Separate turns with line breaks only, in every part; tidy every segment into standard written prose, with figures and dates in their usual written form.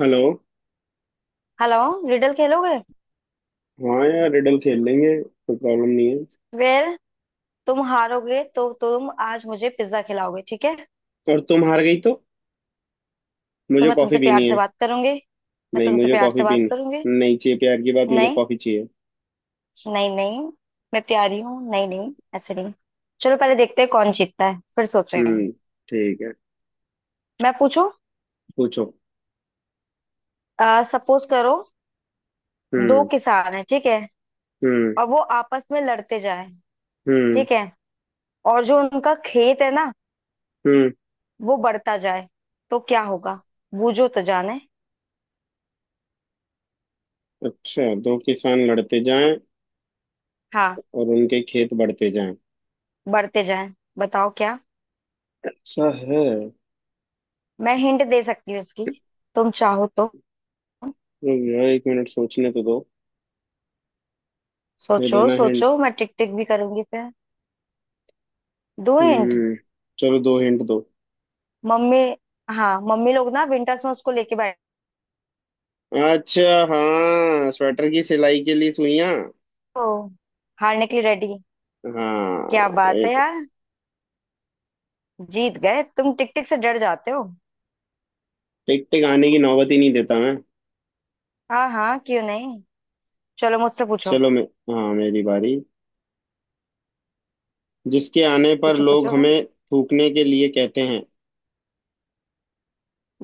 Hello.
Hello. Riddle खेलोगे?
हाँ यार, रिडल खेल लेंगे, कोई प्रॉब्लम नहीं है।
वेर, तुम हारोगे तो तुम आज मुझे पिज्जा खिलाओगे, ठीक है?
और तुम हार गई तो
तो
मुझे
मैं
कॉफी
तुमसे प्यार
पीनी
से
है।
बात करूंगी। मैं
नहीं,
तुमसे
मुझे
प्यार से
कॉफी
बात करूंगी।
पीनी नहीं चाहिए, प्यार की बात, मुझे
नहीं।
कॉफी चाहिए।
नहीं नहीं। मैं प्यारी हूँ, नहीं नहीं ऐसे नहीं। चलो पहले देखते हैं कौन जीतता है, फिर सोच रहे हैं।
हम्म। ठीक है,
मैं पूछूं?
पूछो।
सपोज करो, दो
हम्म।
किसान है, ठीक है?
हम्म।
और वो आपस में लड़ते जाए।
हम्म।
ठीक है। और जो उनका खेत है ना,
हम्म।
वो बढ़ता जाए। तो क्या होगा? बूझो तो जाने।
अच्छा, दो किसान लड़ते जाएं
हाँ,
और उनके खेत बढ़ते जाएं,
बढ़ते जाए। बताओ क्या।
ऐसा है?
मैं हिंट दे सकती हूँ इसकी, तुम चाहो तो।
रुक जाओ, एक मिनट सोचने तो दो। मैं
सोचो
देना हिंट।
सोचो, मैं टिक टिक भी करूंगी फिर। दो हिंट।
हम्म। चलो, दो हिंट दो।
मम्मी। हाँ मम्मी लोग ना विंटर्स में उसको लेके बैठे।
अच्छा। हाँ, स्वेटर की सिलाई के लिए सुइयां।
तो हारने के लिए रेडी? क्या बात
हाँ।
है यार। जीत गए, तुम टिक टिक से डर जाते हो।
टिक टिक आने की नौबत ही नहीं देता मैं।
हाँ हाँ, क्यों नहीं। चलो मुझसे पूछो।
चलो, मैं। हाँ, मेरी बारी। जिसके आने पर
पूछो
लोग
पूछो।
हमें थूकने के लिए कहते हैं।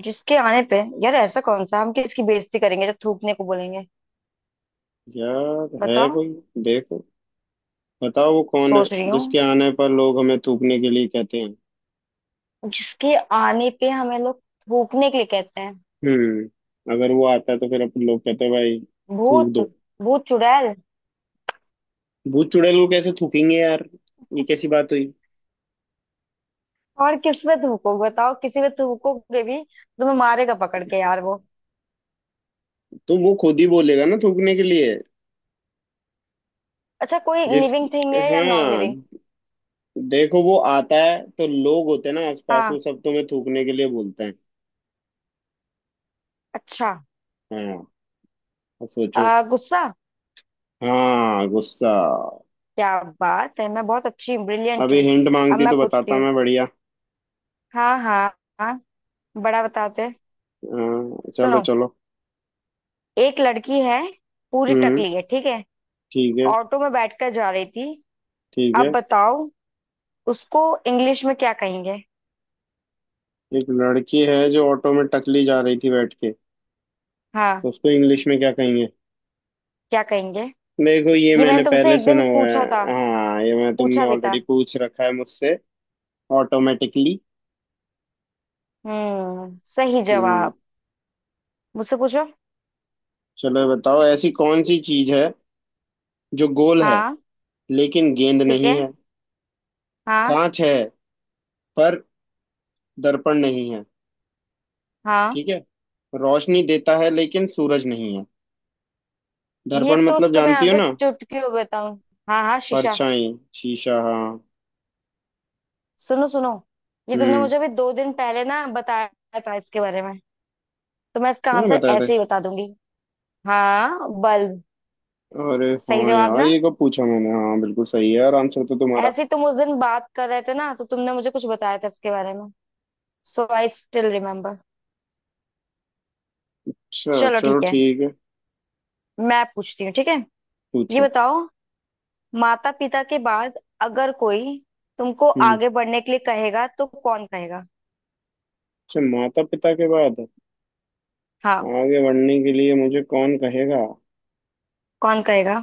जिसके आने पे, यार ऐसा कौन सा हम किसकी बेइज्जती करेंगे जब थूकने को बोलेंगे।
यार है
बताओ।
कोई। देखो, बताओ वो कौन है।
सोच रही हूँ।
जिसके आने पर लोग हमें थूकने के लिए कहते हैं।
जिसके आने पे हमें लोग थूकने के लिए कहते हैं।
हम्म, अगर वो आता है तो फिर अपन लोग कहते हैं भाई थूक
भूत।
दो।
भूत चुड़ैल।
भूत चुड़ैल को कैसे थूकेंगे यार, ये कैसी बात हुई?
और किस पे थूको बताओ, किसी पे थूकोगे भी? तुम्हें मारेगा पकड़ के यार वो।
तो वो खुद ही बोलेगा ना थूकने के लिए।
अच्छा कोई लिविंग
जिसकी।
थिंग है या नॉन
हाँ।
लिविंग?
देखो, वो आता है तो लोग होते हैं ना आसपास,
हाँ।
वो सब तुम्हें थूकने के लिए बोलते हैं।
अच्छा।
हाँ। अब सोचो।
गुस्सा।
हाँ, गुस्सा।
क्या बात है, मैं बहुत अच्छी ब्रिलियंट
अभी
हूँ।
हिंट
अब
मांगती
मैं
तो
पूछती
बताता
हूँ।
मैं बढ़िया।
हाँ हाँ। हाँ बड़ा बताते।
हाँ, चलो
सुनो,
चलो।
एक लड़की है, पूरी
हम्म।
टकली है, ठीक है?
ठीक है।
ऑटो में बैठकर जा रही थी।
ठीक
अब
है।
बताओ, उसको इंग्लिश में क्या कहेंगे?
एक लड़की है जो ऑटो में टकली जा रही थी बैठ के, तो
हाँ
उसको इंग्लिश में क्या कहेंगे?
क्या कहेंगे?
देखो, ये
ये
मैंने
मैंने तुमसे
पहले
एक
सुना
दिन
हुआ
पूछा
है।
था।
हाँ, ये मैं तुमने
पूछा भी था।
ऑलरेडी पूछ रखा है मुझसे। ऑटोमेटिकली।
हम्म, सही
हम्म।
जवाब। मुझसे पूछो।
चलो, ये बताओ ऐसी कौन सी चीज है जो गोल है
हाँ।
लेकिन गेंद
ठीक
नहीं
है।
है।
हाँ।
कांच है पर दर्पण नहीं।
हाँ,
ठीक है। रोशनी देता है लेकिन सूरज नहीं है।
ये
दर्पण
तो
मतलब
उसका मैं
जानती हो
आंसर
ना।
चुटकियों में बताऊं। हाँ हाँ, शीशा।
परछाई। शीशा, हाँ।
सुनो सुनो, ये तुमने
हम्म।
मुझे अभी 2 दिन पहले ना बताया था इसके बारे में। तो मैं इसका
मैंने
आंसर
बताया था।
ऐसे ही बता दूंगी। हाँ बल्ब।
अरे
सही
हाँ
जवाब
यार,
ना।
ये कब पूछा मैंने? हाँ, बिल्कुल सही है यार आंसर तो तुम्हारा।
ऐसे ही तुम उस दिन बात कर रहे थे ना, तो तुमने मुझे कुछ बताया था इसके बारे में। So I still remember.
अच्छा,
चलो
चलो
ठीक है।
ठीक है।
मैं पूछती हूँ, ठीक है? ये
पूछो।
बताओ, माता पिता के बाद अगर कोई तुमको
हम्म।
आगे बढ़ने के लिए कहेगा तो कौन कहेगा?
अच्छा, माता पिता के बाद
हाँ।
आगे बढ़ने के लिए मुझे कौन कहेगा?
कौन कहेगा?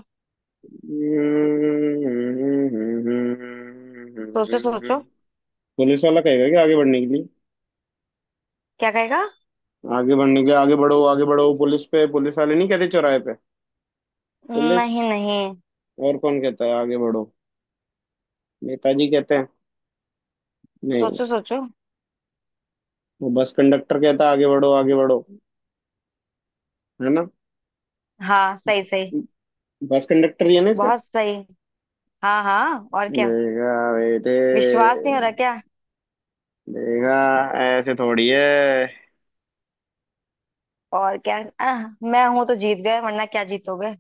सोचो सोचो।
पुलिस वाला कहेगा क्या आगे बढ़ने के लिए?
क्या कहेगा?
आगे बढ़ने के लिए, आगे बढ़ो पुलिस पे, पुलिस वाले नहीं कहते चौराहे पे। पुलिस।
नहीं नहीं।
और कौन कहता है आगे बढ़ो? नेताजी कहते हैं? नहीं।
सोचो सोचो।
वो बस कंडक्टर कहता है आगे बढ़ो आगे बढ़ो, है ना?
हाँ सही सही।
बस कंडक्टर ही है ना इसका।
बहुत सही। हाँ हाँ, और क्या।
देखा बेटे।
विश्वास नहीं हो रहा क्या?
देखा, ऐसे थोड़ी है।
और क्या। मैं हूं तो जीत गए, वरना क्या जीतोगे।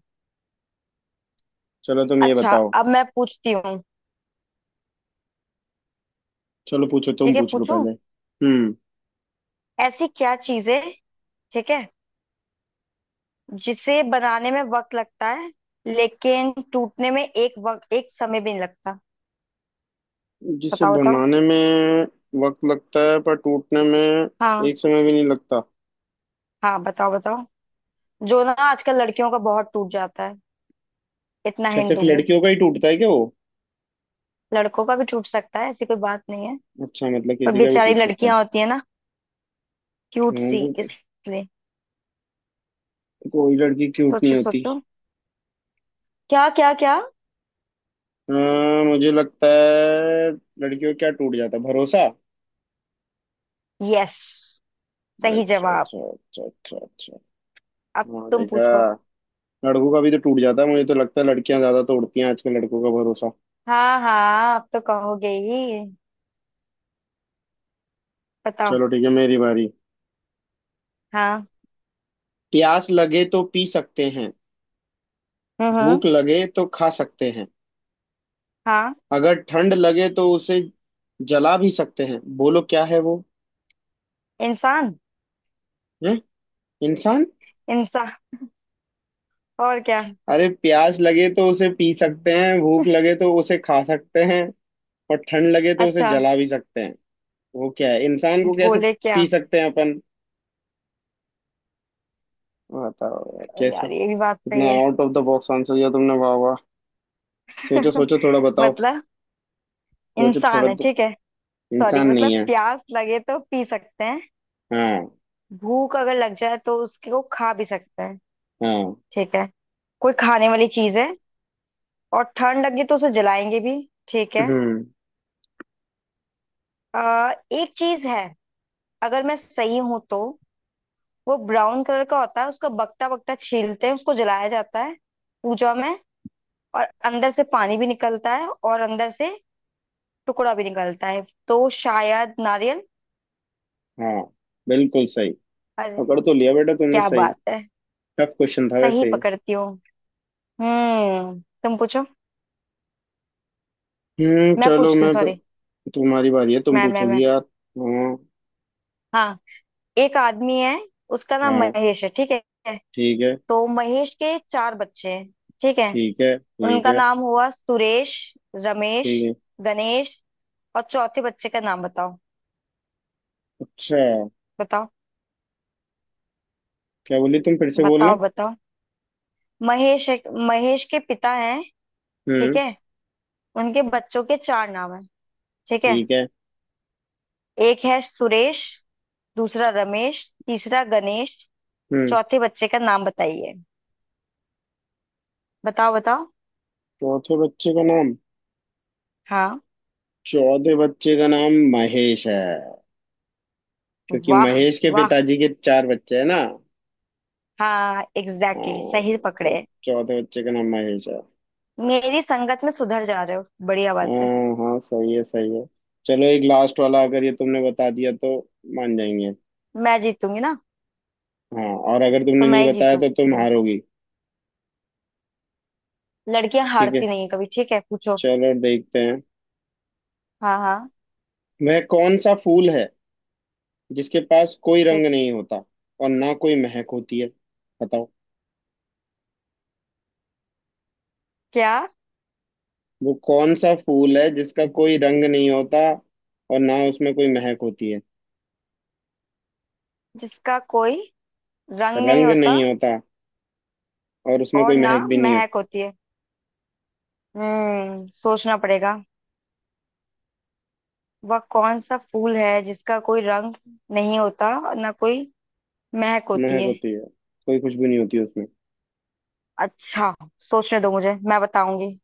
चलो, तुम ये
अच्छा।
बताओ।
अब मैं पूछती हूँ।
चलो पूछो, तुम
ठीक है
पूछ लो
पूछू।
पहले। हम्म।
ऐसी क्या चीज है, ठीक है, जिसे बनाने में वक्त लगता है लेकिन टूटने में एक वक्त एक समय भी नहीं लगता।
जिसे
बताओ बताओ।
बनाने में वक्त लगता है पर टूटने में
हाँ
एक समय भी नहीं लगता।
हाँ बताओ बताओ। जो ना आजकल लड़कियों का बहुत टूट जाता है, इतना
अच्छा,
हिंट
सिर्फ
दूंगी।
लड़कियों का ही टूटता है क्या वो?
लड़कों का भी टूट सकता है, ऐसी कोई बात नहीं है।
अच्छा, मतलब
पर
किसी का भी
बेचारी
टूट सकता है।
लड़कियां होती है ना, क्यूट सी,
क्यों?
इसलिए।
कोई लड़की क्यूट नहीं
सोचो
होती?
सोचो। क्या क्या क्या।
हाँ, मुझे लगता है लड़कियों का क्या टूट जाता है? भरोसा।
यस, सही
अच्छा
जवाब।
अच्छा अच्छा अच्छा अच्छा।
अब
हाँ,
तुम
देखा।
पूछो।
लड़कों का भी तो टूट जाता है, मुझे तो लगता है लड़कियां ज्यादा तोड़ती हैं आजकल लड़कों का भरोसा।
हाँ हाँ, अब तो कहोगे ही। बताओ।
चलो ठीक है, मेरी बारी।
हाँ।
प्यास लगे तो पी सकते हैं,
हम्म।
भूख लगे तो खा सकते हैं,
हाँ।
अगर ठंड लगे तो उसे जला भी सकते हैं, बोलो क्या है वो?
इंसान।
हैं? इंसान?
इंसान, और क्या।
अरे, प्यास लगे तो उसे पी सकते हैं, भूख लगे तो उसे खा सकते हैं, और ठंड लगे तो उसे
अच्छा,
जला भी सकते हैं। वो क्या है? इंसान को कैसे
बोले क्या।
पी सकते हैं अपन, बताओ यार कैसा।
यार ये भी बात
इतना
सही है।
Out of the box answer दिया तुमने, वाह वाह। सोचो सोचो, थोड़ा बताओ।
मतलब,
सोचो थोड़ा
इंसान है,
तो,
ठीक है? सॉरी,
इंसान नहीं
मतलब
है।
प्यास लगे तो पी सकते हैं,
हाँ।
भूख अगर लग जाए तो उसको खा भी सकते हैं,
हाँ।
ठीक है? कोई खाने वाली चीज है, और ठंड लगी तो उसे जलाएंगे भी। ठीक है।
हम्म।
एक चीज है, अगर मैं सही हूं तो। वो ब्राउन कलर का होता है, उसका बकटा बकटा छीलते हैं, उसको जलाया जाता है पूजा में, और अंदर से पानी भी निकलता है और अंदर से टुकड़ा भी निकलता है। तो शायद नारियल।
हाँ, बिल्कुल सही।
अरे,
पकड़ तो लिया बेटा तुमने
क्या
सही।
बात है।
टफ क्वेश्चन था
सही
वैसे ये।
पकड़ती हूँ। हम्म, तुम पूछो।
हम्म,
मैं
चलो
पूछती हूँ,
मैं।
सॉरी।
तुम्हारी बारी है, तुम
मैं।
पूछोगी यार। हाँ।
हाँ, एक आदमी है, उसका नाम
हाँ,
महेश है, ठीक है?
ठीक है।
तो महेश के चार बच्चे हैं, ठीक है?
ठीक है। ठीक
उनका
है।
नाम हुआ सुरेश, रमेश,
ठीक है।
गणेश, और चौथे बच्चे का नाम बताओ।
अच्छा,
बताओ
क्या बोली तुम, फिर से बोलना।
बताओ बताओ। महेश है- महेश के पिता हैं, ठीक
हम्म।
है? उनके बच्चों के चार नाम है, ठीक है?
ठीक है।
एक है सुरेश, दूसरा रमेश, तीसरा गणेश।
हम्म।
चौथे बच्चे का नाम बताइए। बताओ बताओ।
चौथे बच्चे का नाम।
हाँ।
चौथे बच्चे का नाम महेश है, क्योंकि
वाह
महेश के
वाह।
पिताजी के चार बच्चे हैं ना।
हाँ एग्जैक्टली exactly, सही
हाँ, तो
पकड़े।
चौथे बच्चे का नाम महेश है।
मेरी संगत में सुधर जा रहे हो, बढ़िया बात है।
हाँ हाँ, सही है सही है। चलो, एक लास्ट वाला, अगर ये तुमने बता दिया तो मान जाएंगे।
मैं जीतूंगी ना?
हाँ, और अगर
तो
तुमने नहीं
मैं ही
बताया तो तुम
जीतूंगी।
हारोगी।
लड़कियां
ठीक है,
हारती नहीं है कभी, ठीक है पूछो।
चलो देखते हैं।
हाँ हाँ।
वह कौन सा फूल है जिसके पास कोई
ठीक।
रंग नहीं होता और ना कोई महक होती है? बताओ,
क्या?
वो कौन सा फूल है जिसका कोई रंग नहीं होता और ना उसमें कोई महक होती है?
जिसका कोई रंग नहीं
रंग
होता
नहीं होता और उसमें
और
कोई
ना
महक भी नहीं है।
महक होती है। हम्म, सोचना पड़ेगा। वह कौन सा फूल है जिसका कोई रंग नहीं होता और ना कोई महक होती
महक
है?
होती है, कोई खुशबू नहीं होती उसमें।
अच्छा, सोचने दो मुझे, मैं बताऊंगी।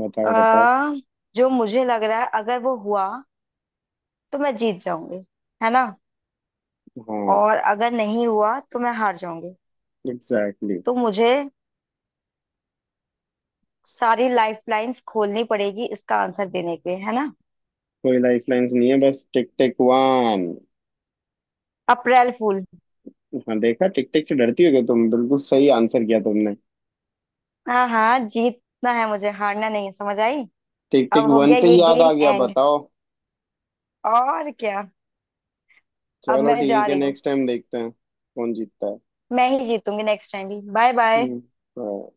बताओ बताओ।
अ जो मुझे लग रहा है, अगर वो हुआ तो मैं जीत जाऊंगी, है ना?
हाँ,
और अगर नहीं हुआ तो मैं हार जाऊंगी।
Exactly exactly।
तो मुझे सारी लाइफलाइंस खोलनी पड़ेगी इसका आंसर देने के लिए, है ना?
कोई लाइफ लाइन्स नहीं है, बस टिक टिक वन।
अप्रैल फूल।
हाँ देखा, टिक टिक से डरती हो क्या तुम? बिल्कुल सही आंसर किया तुमने।
हाँ हाँ, जीतना है मुझे, हारना नहीं है, समझ आई।
टिक
अब
टिक
हो
वन
गया
पे
ये
ही याद आ
गेम
गया
एंड,
बताओ।
और क्या। अब
चलो
मैं जा
ठीक है,
रही हूँ।
नेक्स्ट टाइम देखते हैं कौन जीतता है।
मैं ही जीतूंगी नेक्स्ट टाइम भी। Bye bye.
हम्म।